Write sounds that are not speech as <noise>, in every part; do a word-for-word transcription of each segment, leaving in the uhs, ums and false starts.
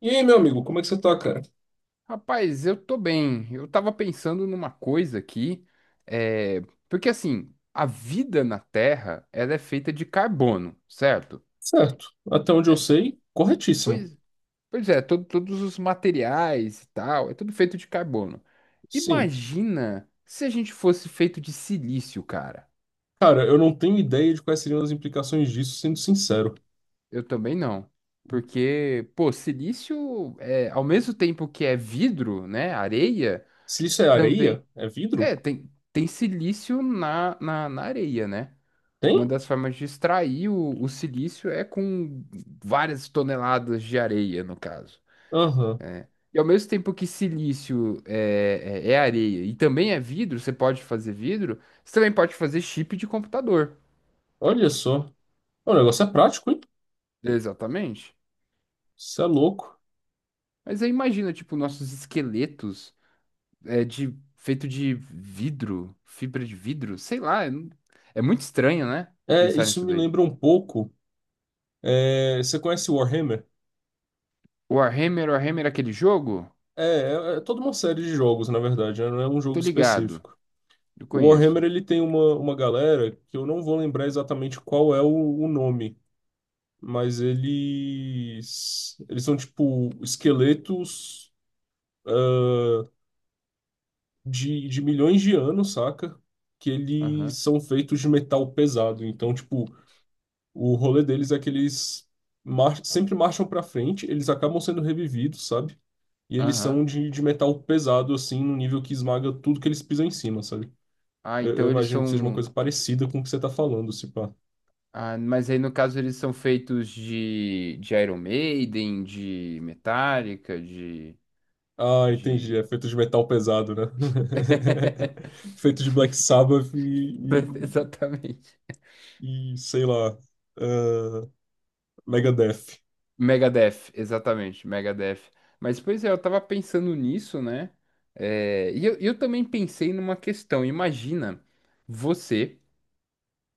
E aí, meu amigo, como é que você tá, cara? Rapaz, eu tô bem. Eu tava pensando numa coisa aqui, é, porque assim, a vida na Terra, ela é feita de carbono, certo? Certo. Até onde eu É, sei, corretíssimo. pois, pois é, to- Todos os materiais e tal, é tudo feito de carbono. Sim. Imagina se a gente fosse feito de silício, cara. Cara, eu não tenho ideia de quais seriam as implicações disso, sendo sincero. Eu também não. Porque, pô, silício é, ao mesmo tempo que é vidro, né, areia, Se isso é também areia? É vidro? é, tem, tem silício na, na, na areia, né? Uma Tem? das formas de extrair o, o silício é com várias toneladas de areia, no caso. Aham. E ao mesmo tempo que silício é, é, é areia e também é vidro, você pode fazer vidro, você também pode fazer chip de computador. Olha só. O negócio é prático, hein? Exatamente. Isso é louco. Mas aí imagina, tipo, nossos esqueletos é, de, feito de vidro, fibra de vidro, sei lá. É, é muito estranho, né? É, Pensar isso nisso me daí. lembra um pouco. É, você conhece Warhammer? Warhammer, Warhammer, é aquele jogo? É, é, é toda uma série de jogos, na verdade, né? Não é um jogo Tô ligado. específico. Eu O conheço. Warhammer, ele tem uma, uma galera que eu não vou lembrar exatamente qual é o o nome, mas eles eles são tipo esqueletos de, de milhões de anos, saca? Que Aham. eles são feitos de metal pesado. Então, tipo, o rolê deles é que eles mar sempre marcham pra frente, eles acabam sendo revividos, sabe? E eles são Aham. de, de metal pesado, assim, no nível que esmaga tudo que eles pisam em cima, sabe? Ah, Eu, eu então eles imagino que seja uma são. coisa parecida com o que você tá falando, se pá. Ah, mas aí no caso eles são feitos de, de Iron Maiden, de Metallica, de, Ah, entendi. de... É feito de metal pesado, né? <laughs> <laughs> Feito de Black Sabbath e, Exatamente. e sei lá, ah, Megadeth. Megadeth, exatamente, Megadeth. Mas pois é, eu tava pensando nisso, né? É, e eu, eu também pensei numa questão. Imagina você,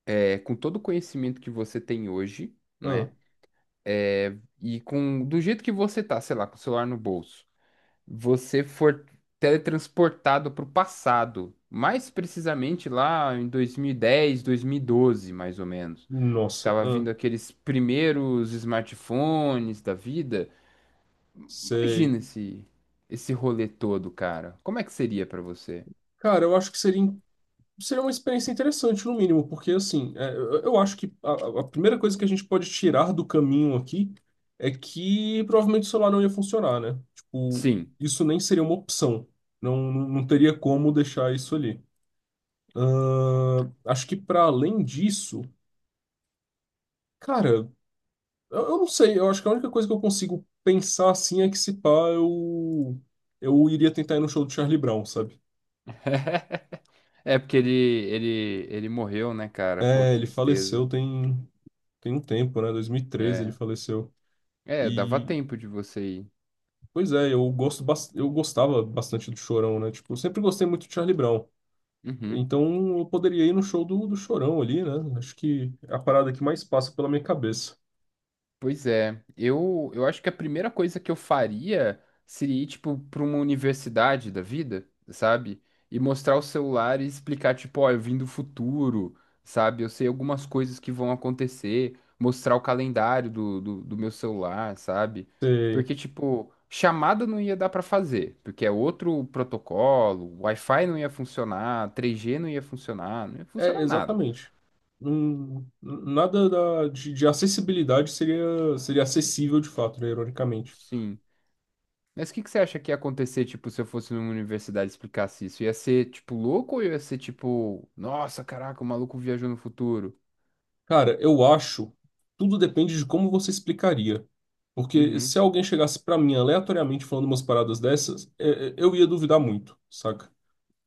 é, com todo o conhecimento que você tem hoje, Ah, né? É, e com do jeito que você tá, sei lá, com o celular no bolso. Você for teletransportado para o passado, mais precisamente lá em dois mil e dez, dois mil e doze, mais ou menos. nossa, Tava ah, vindo aqueles primeiros smartphones da vida. sei. Imagina esse, Esse rolê todo, cara. Como é que seria para você? Cara, eu acho que seria, seria uma experiência interessante, no mínimo, porque assim, é, eu eu acho que a, a primeira coisa que a gente pode tirar do caminho aqui é que provavelmente o celular não ia funcionar, né? Tipo, Sim. isso nem seria uma opção. Não, não não teria como deixar isso ali. Ah, acho que para além disso, cara. Eu, eu não sei, eu acho que a única coisa que eu consigo pensar assim é que se pá, eu, eu iria tentar ir no show do Charlie Brown, sabe? <laughs> É porque ele, ele, ele morreu, né, cara? Pô, É, ele tristeza. faleceu tem, tem um tempo, né? dois mil e treze ele É. faleceu. É, dava E, tempo de você ir. pois é, eu gosto, bas- eu gostava bastante do Chorão, né? Tipo, eu sempre gostei muito do Charlie Brown. Uhum. Então eu poderia ir no show do, do Chorão ali, né? Acho que é a parada que mais passa pela minha cabeça. Pois é, eu, eu acho que a primeira coisa que eu faria seria ir, tipo, para uma universidade da vida, sabe? E mostrar o celular e explicar, tipo, ó, eu vim do futuro, sabe? Eu sei algumas coisas que vão acontecer, mostrar o calendário do, do, do meu celular, sabe? Você Porque, tipo, chamada não ia dar para fazer, porque é outro protocolo, Wi-Fi não ia funcionar, três G não ia funcionar, não ia é, funcionar nada. exatamente. Não- nada da- de, de acessibilidade seria, seria acessível de fato, né, ironicamente. Sim. Mas o que que você acha que ia acontecer, tipo, se eu fosse numa universidade e explicasse isso? Ia ser, tipo, louco ou ia ser, tipo, nossa, caraca, o maluco viajou no futuro? Cara, eu acho, tudo depende de como você explicaria. Porque Uhum. se alguém chegasse pra mim aleatoriamente falando umas paradas dessas, é, é, eu ia duvidar muito, saca?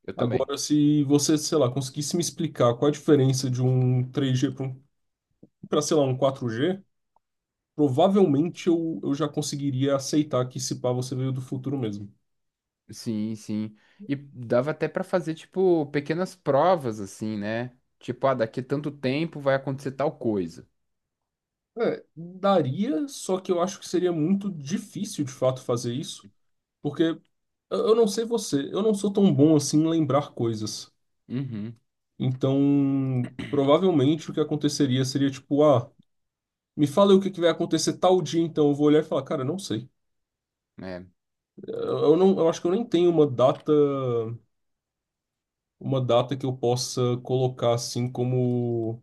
Eu também. Agora, se você, sei lá, conseguisse me explicar qual a diferença de um três G para um, pra, sei lá, um quatro G, provavelmente eu, eu já conseguiria aceitar que se pá você veio do futuro mesmo. Sim, sim. E dava até pra fazer, tipo, pequenas provas, assim, né? Tipo, ah, daqui a tanto tempo vai acontecer tal coisa. É, daria, só que eu acho que seria muito difícil de fato fazer isso, porque eu eu não sei você, eu não sou tão bom assim em lembrar coisas. Uhum. Então, provavelmente o que aconteceria seria tipo, ah, me fala aí o que que vai acontecer tal dia, então eu vou olhar e falar, cara, não sei. Né? Eu eu não, eu acho que eu nem tenho uma data, uma data que eu possa colocar assim como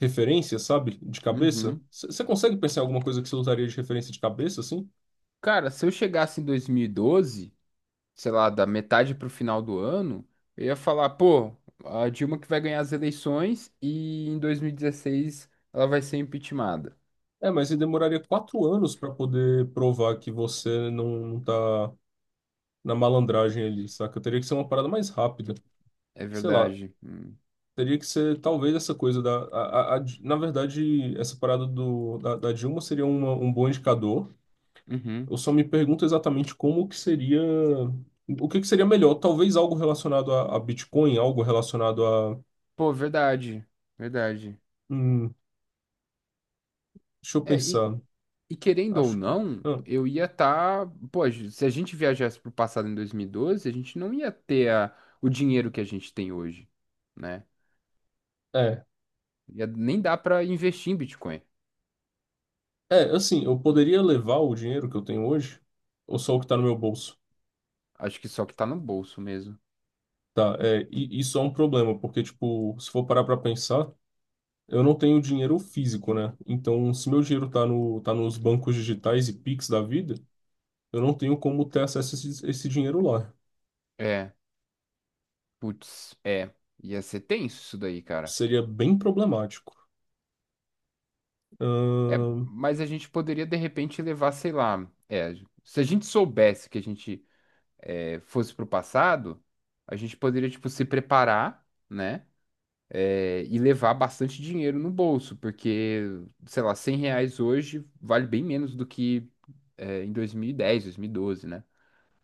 referência, sabe? De cabeça. Uhum. Você consegue pensar em alguma coisa que você usaria de referência de cabeça, assim? Cara, se eu chegasse em dois mil e doze, sei lá, da metade pro final do ano, eu ia falar, pô, a Dilma que vai ganhar as eleições e em dois mil e dezesseis ela vai ser impeachmentada. É, mas você demoraria quatro anos pra poder provar que você não, não tá na malandragem ali, saca? Teria que ser uma parada mais rápida. É Sei lá, verdade. Hum. teria que ser talvez essa coisa da. A- a- a- na verdade, essa parada do, da, da Dilma seria uma- um bom indicador. Eu Uhum. só me pergunto exatamente como que seria. O que que seria melhor? Talvez algo relacionado a, a Bitcoin, algo relacionado a. Pô, verdade. Verdade. hum, Deixa eu É, e, pensar. e querendo ou Acho que. não, ah, eu ia estar. Pô, se a gente viajasse pro passado em dois mil e doze, a gente não ia ter a- o dinheiro que a gente tem hoje, né? É. Ia- nem dá pra investir em Bitcoin. É, assim, eu poderia levar o dinheiro que eu tenho hoje, ou só o que tá no meu bolso, Acho que só que tá no bolso mesmo. tá? É, e isso é um problema, porque, tipo, se for parar pra pensar, eu não tenho dinheiro físico, né? Então, se meu dinheiro tá no, tá nos bancos digitais e Pix da vida, eu não tenho como ter acesso a esse, esse dinheiro lá. É. Putz, é, ia ser tenso isso daí, cara. Seria bem problemático. É, Ahn, mas a gente poderia de repente levar, sei lá, é, se a gente soubesse que a gente é, fosse pro passado, a gente poderia, tipo, se preparar, né? É, e levar bastante dinheiro no bolso, porque, sei lá, cem reais hoje vale bem menos do que é, em dois mil e dez, dois mil e doze, né?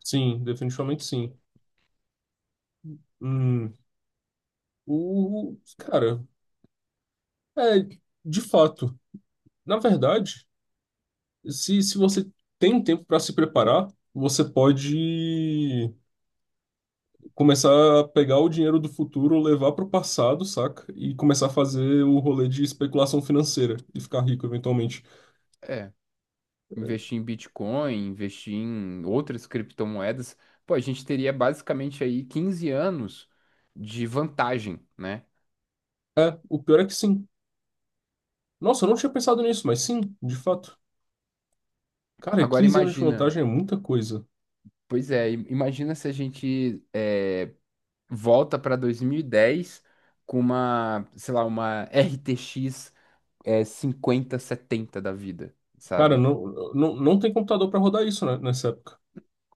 sim, definitivamente sim. Hum, o, Cara, é, de fato, na verdade. Se, se você tem um tempo para se preparar, você pode começar a pegar o dinheiro do futuro, levar para o passado, saca? E começar a fazer o rolê de especulação financeira e ficar rico eventualmente. É. Investir em Bitcoin, investir em outras criptomoedas, pô, a gente teria basicamente aí quinze anos de vantagem, né? É, o pior é que sim. Nossa, eu não tinha pensado nisso, mas sim, de fato. Cara, Agora quinze anos de imagina, vantagem é muita coisa. pois é, im- Imagina se a gente é, volta para dois mil e dez com uma, sei lá, uma R T X é, cinquenta setenta da vida, Cara, sabe? não, não, não tem computador para rodar isso, né, nessa época.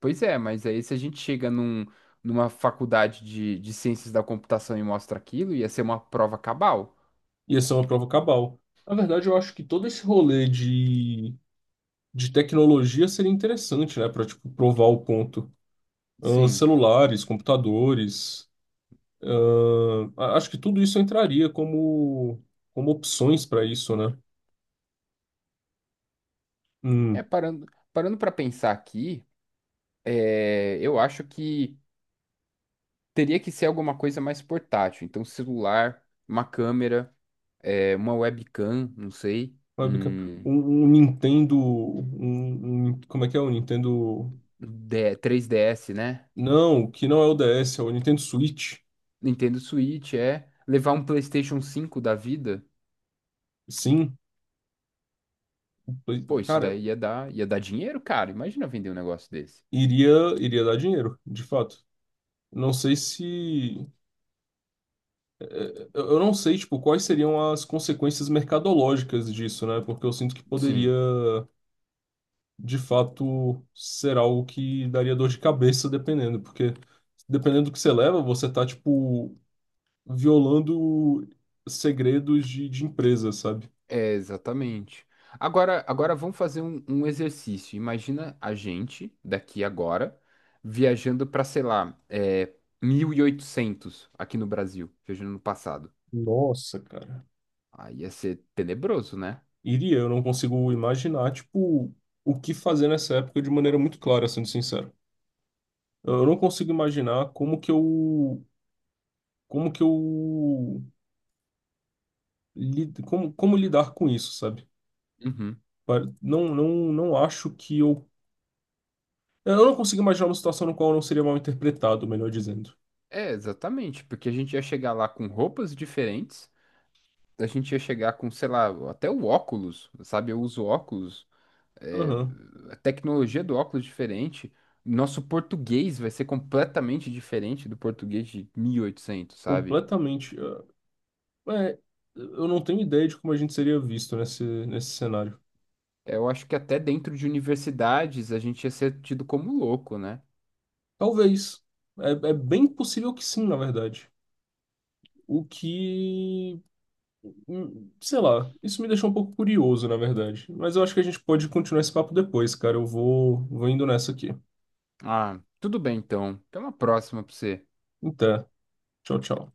Pois é, mas aí se a gente chega num, numa faculdade de, de ciências da computação e mostra aquilo, ia ser uma prova cabal. Ia ser uma prova cabal. Na verdade, eu acho que todo esse rolê de, de tecnologia seria interessante, né, para tipo, provar o ponto. ahn, Sim. Celulares, computadores. Ahn, a- acho que tudo isso entraria como, como opções para isso, né? É, Hum, parando, Parando para pensar aqui, é, eu acho que teria que ser alguma coisa mais portátil. Então, celular, uma câmera, é, uma webcam, não sei, fábrica- um um, Um Nintendo. Um, um- como é que é? O Nintendo. D- três D S, né? Não, que não é o D S, é o Nintendo Switch. Nintendo Switch, é. Levar um PlayStation cinco da vida? Sim, Play- Pô, isso cara, daí ia dar, ia dar dinheiro, cara. Imagina vender um negócio desse. iria, iria dar dinheiro, de fato. Não sei se. Eu eu não sei, tipo, quais seriam as consequências mercadológicas disso, né? Porque eu sinto que poderia. Sim. De fato ser algo que daria dor de cabeça dependendo, porque dependendo do que você leva, você tá, tipo, violando segredos de, de empresa, sabe? É, exatamente. Agora, agora vamos fazer um, um exercício. Imagina a gente, daqui agora, viajando para, sei lá, é, mil e oitocentos aqui no Brasil, viajando no passado. Nossa, cara. Aí ia ser tenebroso, né? Iria, eu não consigo imaginar, tipo, o que fazer nessa época de maneira muito clara, sendo sincero. Eu não consigo imaginar como que eu, como que eu, lid- como, como lidar com isso, sabe? Uhum. Pa- Não, não, não acho que eu. Eu não consigo imaginar uma situação no qual eu não seria mal interpretado, melhor dizendo. É, exatamente, porque a gente ia chegar lá com roupas diferentes, a gente ia chegar com, sei lá, até o óculos, sabe? Eu uso óculos é, Aham, a tecnologia do óculos é diferente. Nosso português vai ser completamente diferente do português de mil e oitocentos, sabe? completamente. É, é, eu não tenho ideia de como a gente seria visto nesse, nesse cenário. Eu acho que até dentro de universidades a gente ia ser tido como louco, né? Talvez. É, é bem possível que sim, na verdade. O que. hum, Sei lá, isso me deixou um pouco curioso, na verdade. Mas eu acho que a gente pode continuar esse papo depois, cara. Eu vou, vou indo nessa aqui. Ah, tudo bem então. Até uma próxima pra você. Então, tchau, tchau.